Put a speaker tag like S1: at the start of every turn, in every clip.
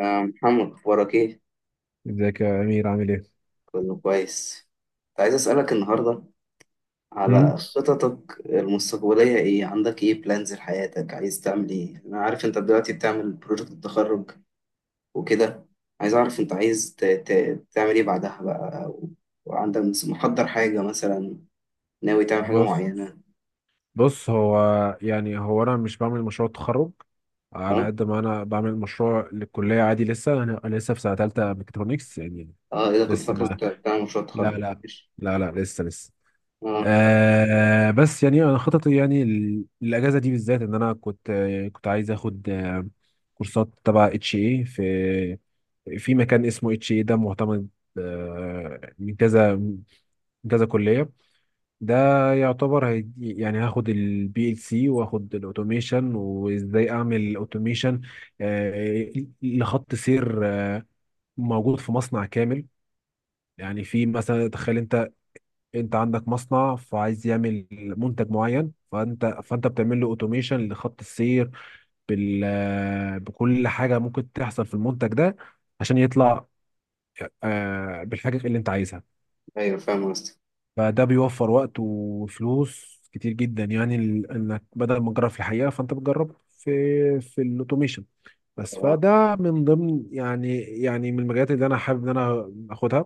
S1: محمد، أخبارك إيه؟
S2: ازيك يا امير، عامل ايه؟
S1: كله كويس. كنت عايز أسألك النهاردة
S2: مم.
S1: على خططك المستقبلية إيه؟ عندك إيه بلانز لحياتك؟ عايز تعمل إيه؟ أنا عارف أنت دلوقتي بتعمل بروجكت التخرج وكده. عايز أعرف أنت عايز تعمل إيه بعدها بقى وعندك محضر حاجة مثلا، ناوي تعمل حاجة
S2: بص
S1: معينة.
S2: بص، هو، يعني هو انا مش بعمل مشروع تخرج. على
S1: أه؟
S2: قد ما انا بعمل مشروع للكليه عادي، لسه انا لسه في سنه ثالثه ميكاترونكس يعني.
S1: أه، إذا كنت
S2: لسه
S1: فاكر
S2: ما،
S1: أنت بتعمل مشروع
S2: لا،
S1: تخرج
S2: لا،
S1: ماشي.
S2: لا، لا، لسه.
S1: أه.
S2: بس يعني انا خططي، يعني الاجازه دي بالذات، ان انا كنت، كنت عايز اخد كورسات تبع اتش اي في، في مكان اسمه اتش اي ده معتمد من كذا، من كذا كليه. ده يعتبر، هي يعني هاخد البي ال سي واخد الاوتوميشن، وازاي اعمل اوتوميشن لخط سير موجود في مصنع كامل. يعني، في مثلا، تخيل انت عندك مصنع فعايز يعمل منتج معين، فانت بتعمل له اوتوميشن لخط السير بال آه، بكل حاجه ممكن تحصل في المنتج ده، عشان يطلع بالحاجه اللي انت عايزها.
S1: أيوه، فاهم قصدك.
S2: فده بيوفر وقت وفلوس كتير جدا، يعني انك بدل ما تجرب في الحقيقه، فانت بتجرب في الاوتوميشن بس.
S1: أه.
S2: فده من ضمن، يعني، من المجالات اللي انا حابب ان انا اخدها،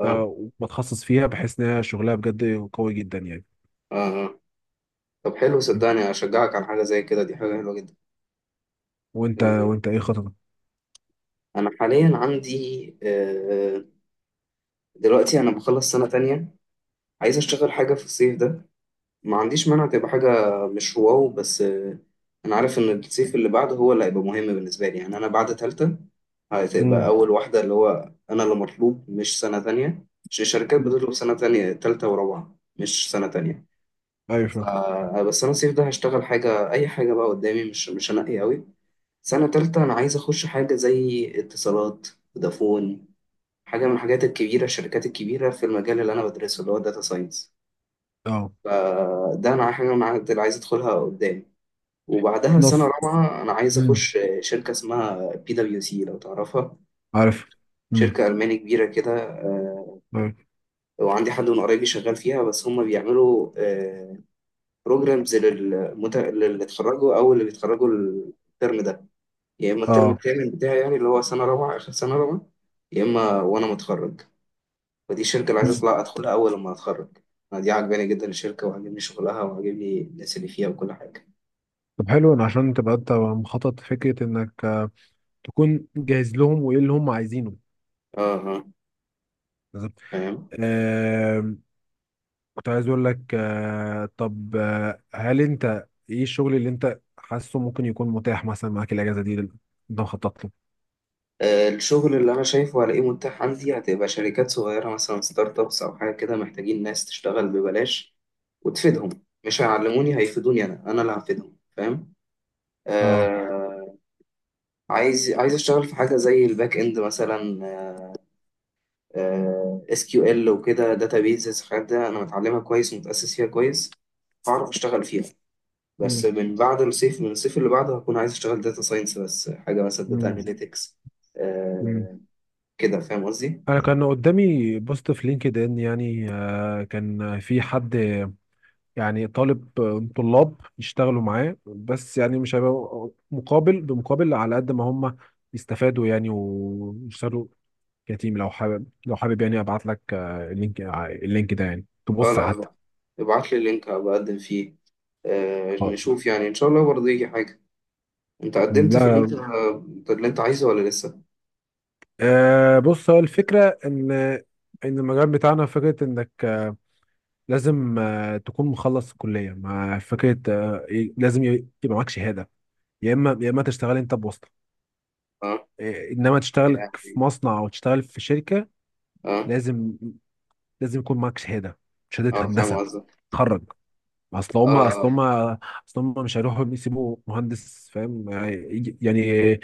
S1: أه.
S2: آه،
S1: أه.
S2: وبتخصص فيها، بحيث ان هي شغلها بجد قوي جدا يعني.
S1: أه. آه. طب حلو،
S2: م.
S1: صدقني أشجعك على حاجة زي كده، دي حاجة حلوة جدا.
S2: وانت،
S1: آه.
S2: ايه خططك؟
S1: أنا حاليا عندي دلوقتي أنا بخلص سنة تانية. عايز أشتغل حاجة في الصيف ده، ما عنديش مانع تبقى حاجة مش واو بس. أنا عارف إن الصيف اللي بعده هو اللي هيبقى مهم بالنسبة لي، يعني أنا بعد تالتة هتبقى
S2: امم.
S1: أول واحدة، اللي هو أنا اللي مطلوب، مش سنة تانية. مش الشركات بتطلب سنة تانية تالتة ورابعة، مش سنة تانية.
S2: ايوه،
S1: ف-
S2: فاهم.
S1: بس أنا الصيف ده هشتغل حاجة، أي حاجة بقى قدامي، مش هنقي أوي. سنة تالتة أنا عايز أخش حاجة زي اتصالات، فودافون، حاجة من الحاجات الكبيرة، الشركات الكبيرة في المجال اللي أنا بدرسه، اللي هو داتا ساينس.
S2: اه.
S1: فده أنا حاجة أنا عايز أدخلها قدام. وبعدها سنة
S2: نص.
S1: رابعة أنا عايز
S2: امم.
S1: أخش شركة اسمها PWC، لو تعرفها.
S2: عارف. امم.
S1: شركة ألماني كبيرة كده.
S2: أيوة.
S1: وعندي حد من قرايبي شغال فيها، بس هم بيعملوا بروجرامز للي اتخرجوا أو اللي بيتخرجوا الترم ده، يا إما الترم
S2: اه.
S1: التامن بتاعي يعني، اللي هو سنة رابعة آخر سنة رابعة، يا إما وأنا متخرج. ودي الشركة اللي عايز
S2: مم.
S1: أطلع أدخلها أول لما أتخرج. أنا دي عاجباني جدا الشركة، وعاجبني شغلها، وعاجبني الناس اللي فيها، وكل حاجة.
S2: طب حلو، إن عشان تبقى انت مخطط، فكره انك تكون جاهز لهم وايه اللي هم عايزينه.
S1: اه اه، فاهم.
S2: آم، كنت عايز اقول لك، طب، هل انت ايه الشغل اللي انت حاسه ممكن يكون متاح مثلا معاك الاجازه دي، اللي انت مخطط له؟
S1: الشغل اللي أنا شايفه هلاقيه متاح عندي هتبقى شركات صغيرة، مثلا ستارت أبس أو حاجة كده، محتاجين ناس تشتغل ببلاش وتفيدهم. مش هيعلموني، هيفيدوني، أنا اللي هفيدهم، فاهم.
S2: اه.
S1: آه. عايز أشتغل في حاجة زي الباك إند مثلا، SQL وكده، داتا بيزز. الحاجات ده أنا متعلمها كويس ومتأسس فيها كويس، هعرف أشتغل فيها. بس
S2: مم.
S1: من الصيف اللي بعده هكون عايز اشتغل داتا ساينس، بس حاجه مثلا داتا
S2: مم.
S1: اناليتكس.
S2: مم.
S1: آه، كده فاهم قصدي.
S2: انا كان قدامي بوست في لينكد ان، يعني كان في حد يعني طالب آه، طلاب يشتغلوا معاه، بس يعني مش هيبقى مقابل بمقابل، على قد ما هم يستفادوا يعني ويشتغلوا. كتيم، لو حابب يعني ابعت لك، اللينك ده، يعني
S1: اه،
S2: تبص
S1: لا
S2: حتى.
S1: لا، ابعت لي اللينك هبقى اقدم فيه. آه،
S2: آه.
S1: نشوف يعني ان شاء الله برضه يجي حاجه. انت قدمت في اللي
S2: لا.
S1: انت اللي انت عايزه ولا لسه؟
S2: بص، هو الفكره ان المجال بتاعنا، فكره انك لازم تكون مخلص الكليه، مع فكره لازم يبقى معاك شهاده، يا اما تشتغل انت بواسطه،
S1: اه.
S2: انما تشتغل في
S1: يعني
S2: مصنع او تشتغل في شركه.
S1: اه
S2: لازم لازم يكون معاك شهاده، شهاده
S1: اه، فاهم
S2: هندسه
S1: قصدك.
S2: تخرج.
S1: اه اه.
S2: اصل هم مش هيروحوا يسيبوا مهندس، فاهم، يعني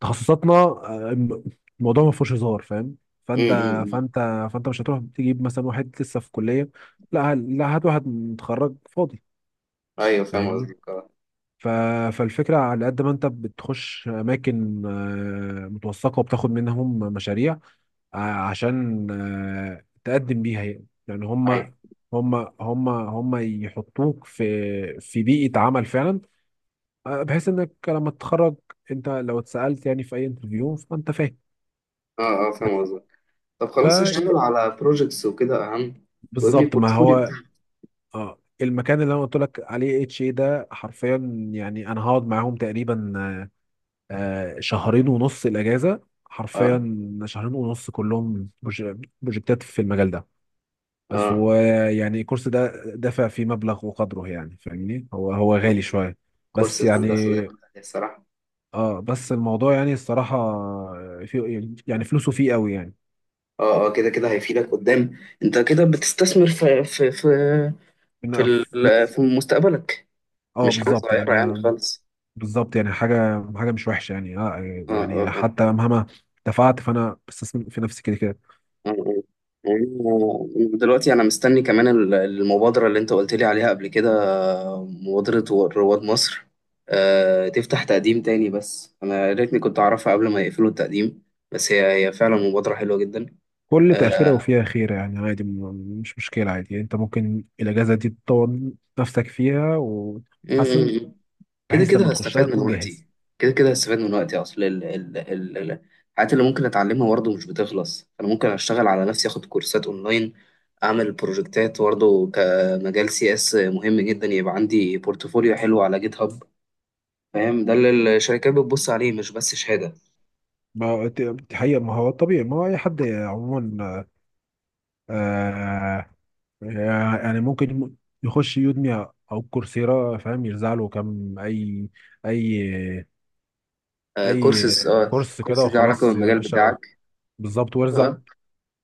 S2: تخصصاتنا، الموضوع ما فيهوش هزار، فاهم. فانت
S1: أمم، أمم.
S2: فانت فانت مش هتروح تجيب مثلا واحد لسه في كليه. لا، لا، هات واحد متخرج فاضي،
S1: ايوه، فاهم
S2: فاهمني.
S1: قصدك. اه.
S2: ف... فالفكره، على قد ما انت بتخش اماكن متوثقه وبتاخد منهم مشاريع، عشان تقدم بيها، يعني
S1: ايوه.
S2: هم هم يحطوك في بيئه عمل فعلا، بحيث انك لما تتخرج انت، لو اتسالت يعني في اي انترفيو، فانت فاهم.
S1: اه اه، فاهم قصدك. طب
S2: ف
S1: خلاص، اشتغل على بروجكتس وكده اهم، وابني
S2: بالظبط، ما
S1: بورتفوليو
S2: هو.
S1: بتاعك.
S2: اه المكان اللي انا قلت لك عليه اتش اي ده، حرفيا يعني انا هقعد معاهم تقريبا شهرين ونص الاجازه،
S1: اه
S2: حرفيا شهرين ونص، كلهم بروجكتات في المجال ده بس.
S1: اه،
S2: ويعني الكورس ده دفع فيه مبلغ وقدره، يعني فاهمني، هو غالي شويه بس
S1: كورسات
S2: يعني.
S1: هندسه ده، الصراحه.
S2: اه بس الموضوع، يعني الصراحه، في يعني فلوسه فيه قوي يعني.
S1: اه اه، كده كده هيفيدك قدام، انت كده بتستثمر
S2: إن في
S1: في مستقبلك.
S2: اه،
S1: مش حاجه
S2: بالظبط
S1: صغيره
S2: يعني،
S1: يعني خالص.
S2: بالظبط يعني حاجه حاجه مش وحشه يعني، اه،
S1: اه اه
S2: يعني
S1: اه
S2: حتى مهما دفعت، فانا بستثمر في نفسي كده كده.
S1: اه اه. يعني دلوقتي انا مستني كمان المبادره اللي انت قلت لي عليها قبل كده، مبادره رواد مصر. آه، تفتح تقديم تاني، بس انا يا ريتني كنت اعرفها قبل ما يقفلوا التقديم. بس هي فعلا مبادره حلوه جدا.
S2: كل تاخيره وفيها خيره، يعني عادي، مش مشكله، عادي يعني، انت ممكن الاجازه دي تطور نفسك فيها وتحسن،
S1: آه، كده
S2: بحيث
S1: كده
S2: لما تخشها
S1: هستفاد من
S2: تكون جاهز.
S1: وقتي. كده كده هستفاد من وقتي. اصل الحاجات اللي ممكن اتعلمها برضه مش بتخلص. انا ممكن اشتغل على نفسي، اخد كورسات اونلاين، اعمل بروجكتات برضه، كمجال CS مهم جدا، يبقى عندي بورتفوليو حلو على جيت هاب. فاهم، ده اللي الشركات بتبص عليه، مش بس شهادة.
S2: ما ت- حقيقة، ما هو الطبيعي، ما هو اي حد عموما آه يعني ممكن يخش يودمي او كورسيرا، فاهم، يرزع له كام اي، اي
S1: آه،
S2: اي
S1: كورسز. اه،
S2: كورس كده
S1: كورسز ليه علاقة
S2: وخلاص، يا
S1: بالمجال
S2: باشا.
S1: بتاعك.
S2: بالظبط،
S1: آه.
S2: وارزع
S1: آه.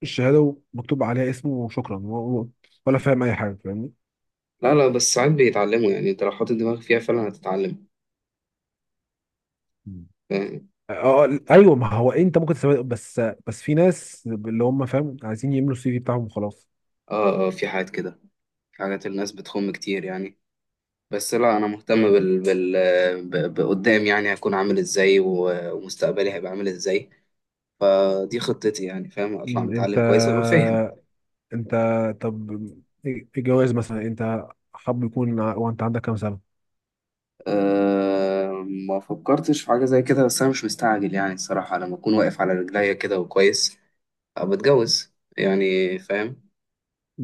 S2: الشهاده ومكتوب عليها اسمه وشكرا، ولا فاهم اي حاجه، فاهمني.
S1: لا لا، بس ساعات بيتعلموا يعني. انت لو حاطط دماغك فيها فعلا هتتعلم.
S2: مم.
S1: فاهم.
S2: اه. ايوه، ما هو انت ممكن تسوي بس. في ناس اللي هم، فاهم، عايزين يملوا السي في بتاعهم وخلاص.
S1: اه اه، في حاجات كده، في حاجات الناس بتخم كتير يعني. بس لا، انا مهتم بقدام، يعني هكون عامل ازاي ومستقبلي هيبقى عامل ازاي. دي خطتي، يعني فاهم، اطلع
S2: انت،
S1: متعلم كويس، ابقى فاهم.
S2: انت طب الجواز مثلا، انت حب يكون وانت عندك كام سنه؟
S1: أه، ما فكرتش في حاجه زي كده، بس انا مش مستعجل يعني، الصراحه. لما اكون واقف على رجليا كده وكويس، ابقى اتجوز، يعني فاهم.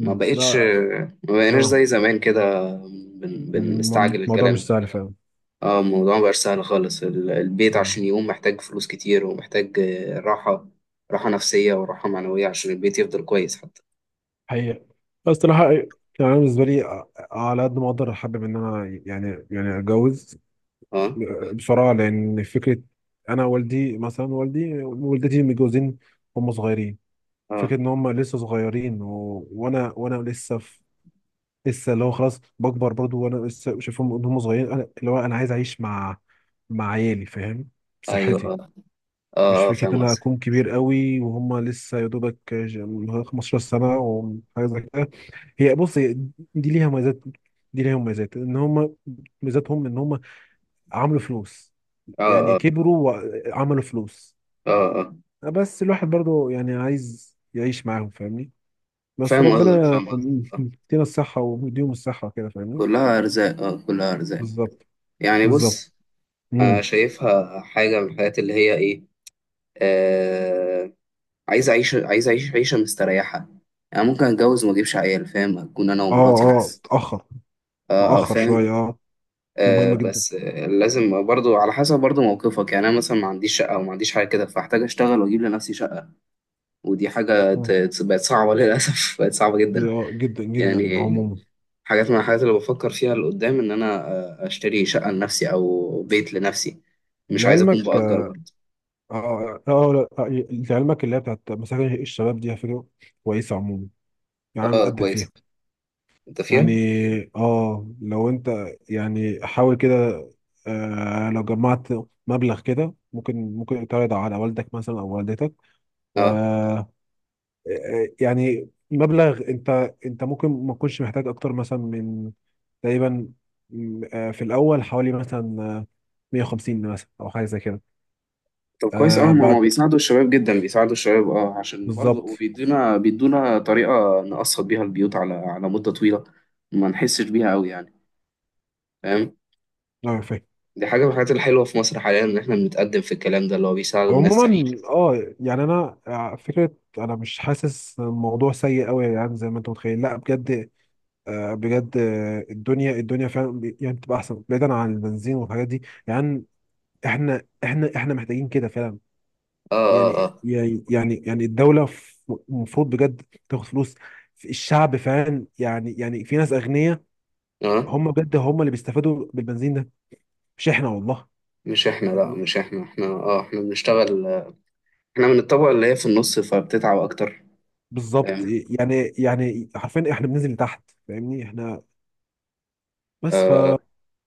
S2: لا.
S1: ما بقيناش
S2: اه.
S1: زي زمان كده، بنستعجل
S2: الموضوع
S1: الكلام
S2: مش
S1: ده.
S2: سهل فاهم.
S1: اه، الموضوع مبقاش سهل خالص. البيت عشان
S2: مم.
S1: يقوم محتاج فلوس كتير، ومحتاج راحة، راحة نفسية وراحة معنوية، عشان البيت يفضل كويس حتى.
S2: حقيقة، بس صراحة يعني، أنا بالنسبة لي، على قد ما أقدر أحبب إن أنا، يعني أتجوز
S1: اه
S2: بصراحة، لأن فكرة أنا والدي، مثلا والدي والدتي، متجوزين هم صغيرين. فكرة
S1: اه،
S2: إن هم لسه صغيرين، وأنا لسه لسه، اللي هو خلاص بكبر برضو، وأنا لسه شايفهم إن هم صغيرين، أنا اللي هو أنا عايز أعيش مع عيالي، فاهم،
S1: ايوه.
S2: بصحتي.
S1: اه
S2: مش
S1: اه،
S2: فكرة
S1: فاهم
S2: إن أنا
S1: قصدك.
S2: أكون كبير قوي وهم لسه، يا دوبك 15 سنة وحاجة زي كده. هي بص، هي دي ليها مميزات، دي ليها مميزات إن هم، ميزاتهم إن هم عملوا فلوس،
S1: اه
S2: يعني
S1: اه
S2: كبروا وعملوا فلوس.
S1: اه اه اه،
S2: بس الواحد برضو يعني عايز يعيش معاهم، فاهمني. بس
S1: فاهم قصدك،
S2: ربنا
S1: فاهم قصدك. آه.
S2: يدينا الصحة ويديهم الصحة كده، فاهمني.
S1: كلها ارزاق، اه كلها ارزاق،
S2: بالظبط.
S1: يعني
S2: بالظبط.
S1: بص.
S2: مم.
S1: انا شايفها حاجة من الحاجات اللي هي ايه. آه عايز اعيش عيشة مستريحة، يعني ممكن اتجوز وما اجيبش عيال، فاهم، اكون انا
S2: اه.
S1: ومراتي
S2: اه.
S1: بس.
S2: اتأخر،
S1: اه.
S2: مؤخر
S1: فاهم.
S2: شوية اه. دي مهمة جدا.
S1: بس لازم برضو على حسب برضو موقفك. يعني انا مثلا ما عنديش شقه او ما عنديش حاجه كده، فاحتاج اشتغل واجيب لنفسي شقه. ودي حاجه
S2: مم.
S1: بقت صعبه للاسف بقت صعبه
S2: دي
S1: جدا.
S2: اه جدا جدا
S1: يعني
S2: عموما.
S1: حاجات من الحاجات اللي بفكر فيها لقدام ان انا اشتري شقه لنفسي او بيت لنفسي. مش عايز اكون
S2: لعلمك.
S1: بأجر
S2: اه.
S1: برضو.
S2: اه. لا، لعلمك اللي هي بتاعت مساجد الشباب دي، على فكرة كويسة عموما، يعني أنا
S1: اه
S2: مقدم فيها،
S1: كويس، انت
S2: يعني.
S1: فيها.
S2: اه، لو انت، يعني حاول كده، لو جمعت مبلغ كده، ممكن تعرض على والدك مثلا او والدتك.
S1: اه
S2: آه يعني مبلغ، انت، ممكن ما تكونش محتاج اكتر مثلا من، تقريبا، م، آه، في الاول حوالي مثلا 150 مثلا او حاجه زي كده.
S1: طب كويس. اه، ما
S2: بعد
S1: بيساعدوا الشباب جدا، بيساعدوا الشباب اه، عشان برضه
S2: بالظبط،
S1: وبيدونا، بيدونا طريقه نقسط بيها البيوت على مده طويله، ما نحسش بيها قوي يعني. فاهم،
S2: اه، فاهم.
S1: دي حاجة من الحاجات الحلوة في مصر حاليا، إن إحنا بنتقدم في الكلام ده اللي هو بيساعد الناس
S2: عموما،
S1: تعيش.
S2: اه، يعني انا فكره انا مش حاسس الموضوع سيء قوي يعني، زي ما انت متخيل، لا بجد. بجد الدنيا فعلا يعني بتبقى احسن، بعيدا عن البنزين والحاجات دي يعني. احنا محتاجين كده فعلا
S1: آه. آه.
S2: يعني الدوله المفروض بجد تاخد فلوس في الشعب فعلا، يعني في ناس اغنياء،
S1: آه. آه.
S2: هم بجد، هم اللي بيستفادوا بالبنزين ده، مش احنا والله.
S1: مش إحنا، لأ مش إحنا، إحنا بنشتغل. إحنا من الطبقة اللي هي في النص، فبتتعب أكتر.
S2: بالظبط
S1: فاهم.
S2: يعني، حرفيا احنا بننزل لتحت، فاهمني. احنا بس،
S1: آه،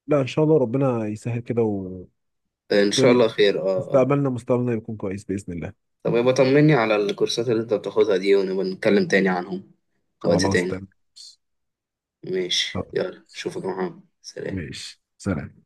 S2: لا ان شاء الله، ربنا يسهل كده، والدنيا
S1: إن شاء الله خير. آه. آه.
S2: مستقبلنا يكون كويس باذن الله.
S1: طب يبقى طمني على الكورسات اللي أنت بتاخدها دي، ونبقى نتكلم تاني عنهم وقت
S2: خلاص
S1: تاني.
S2: تمام.
S1: ماشي،
S2: آه،
S1: يلا أشوفك يا محمد، سلام.
S2: ماشي، سلام.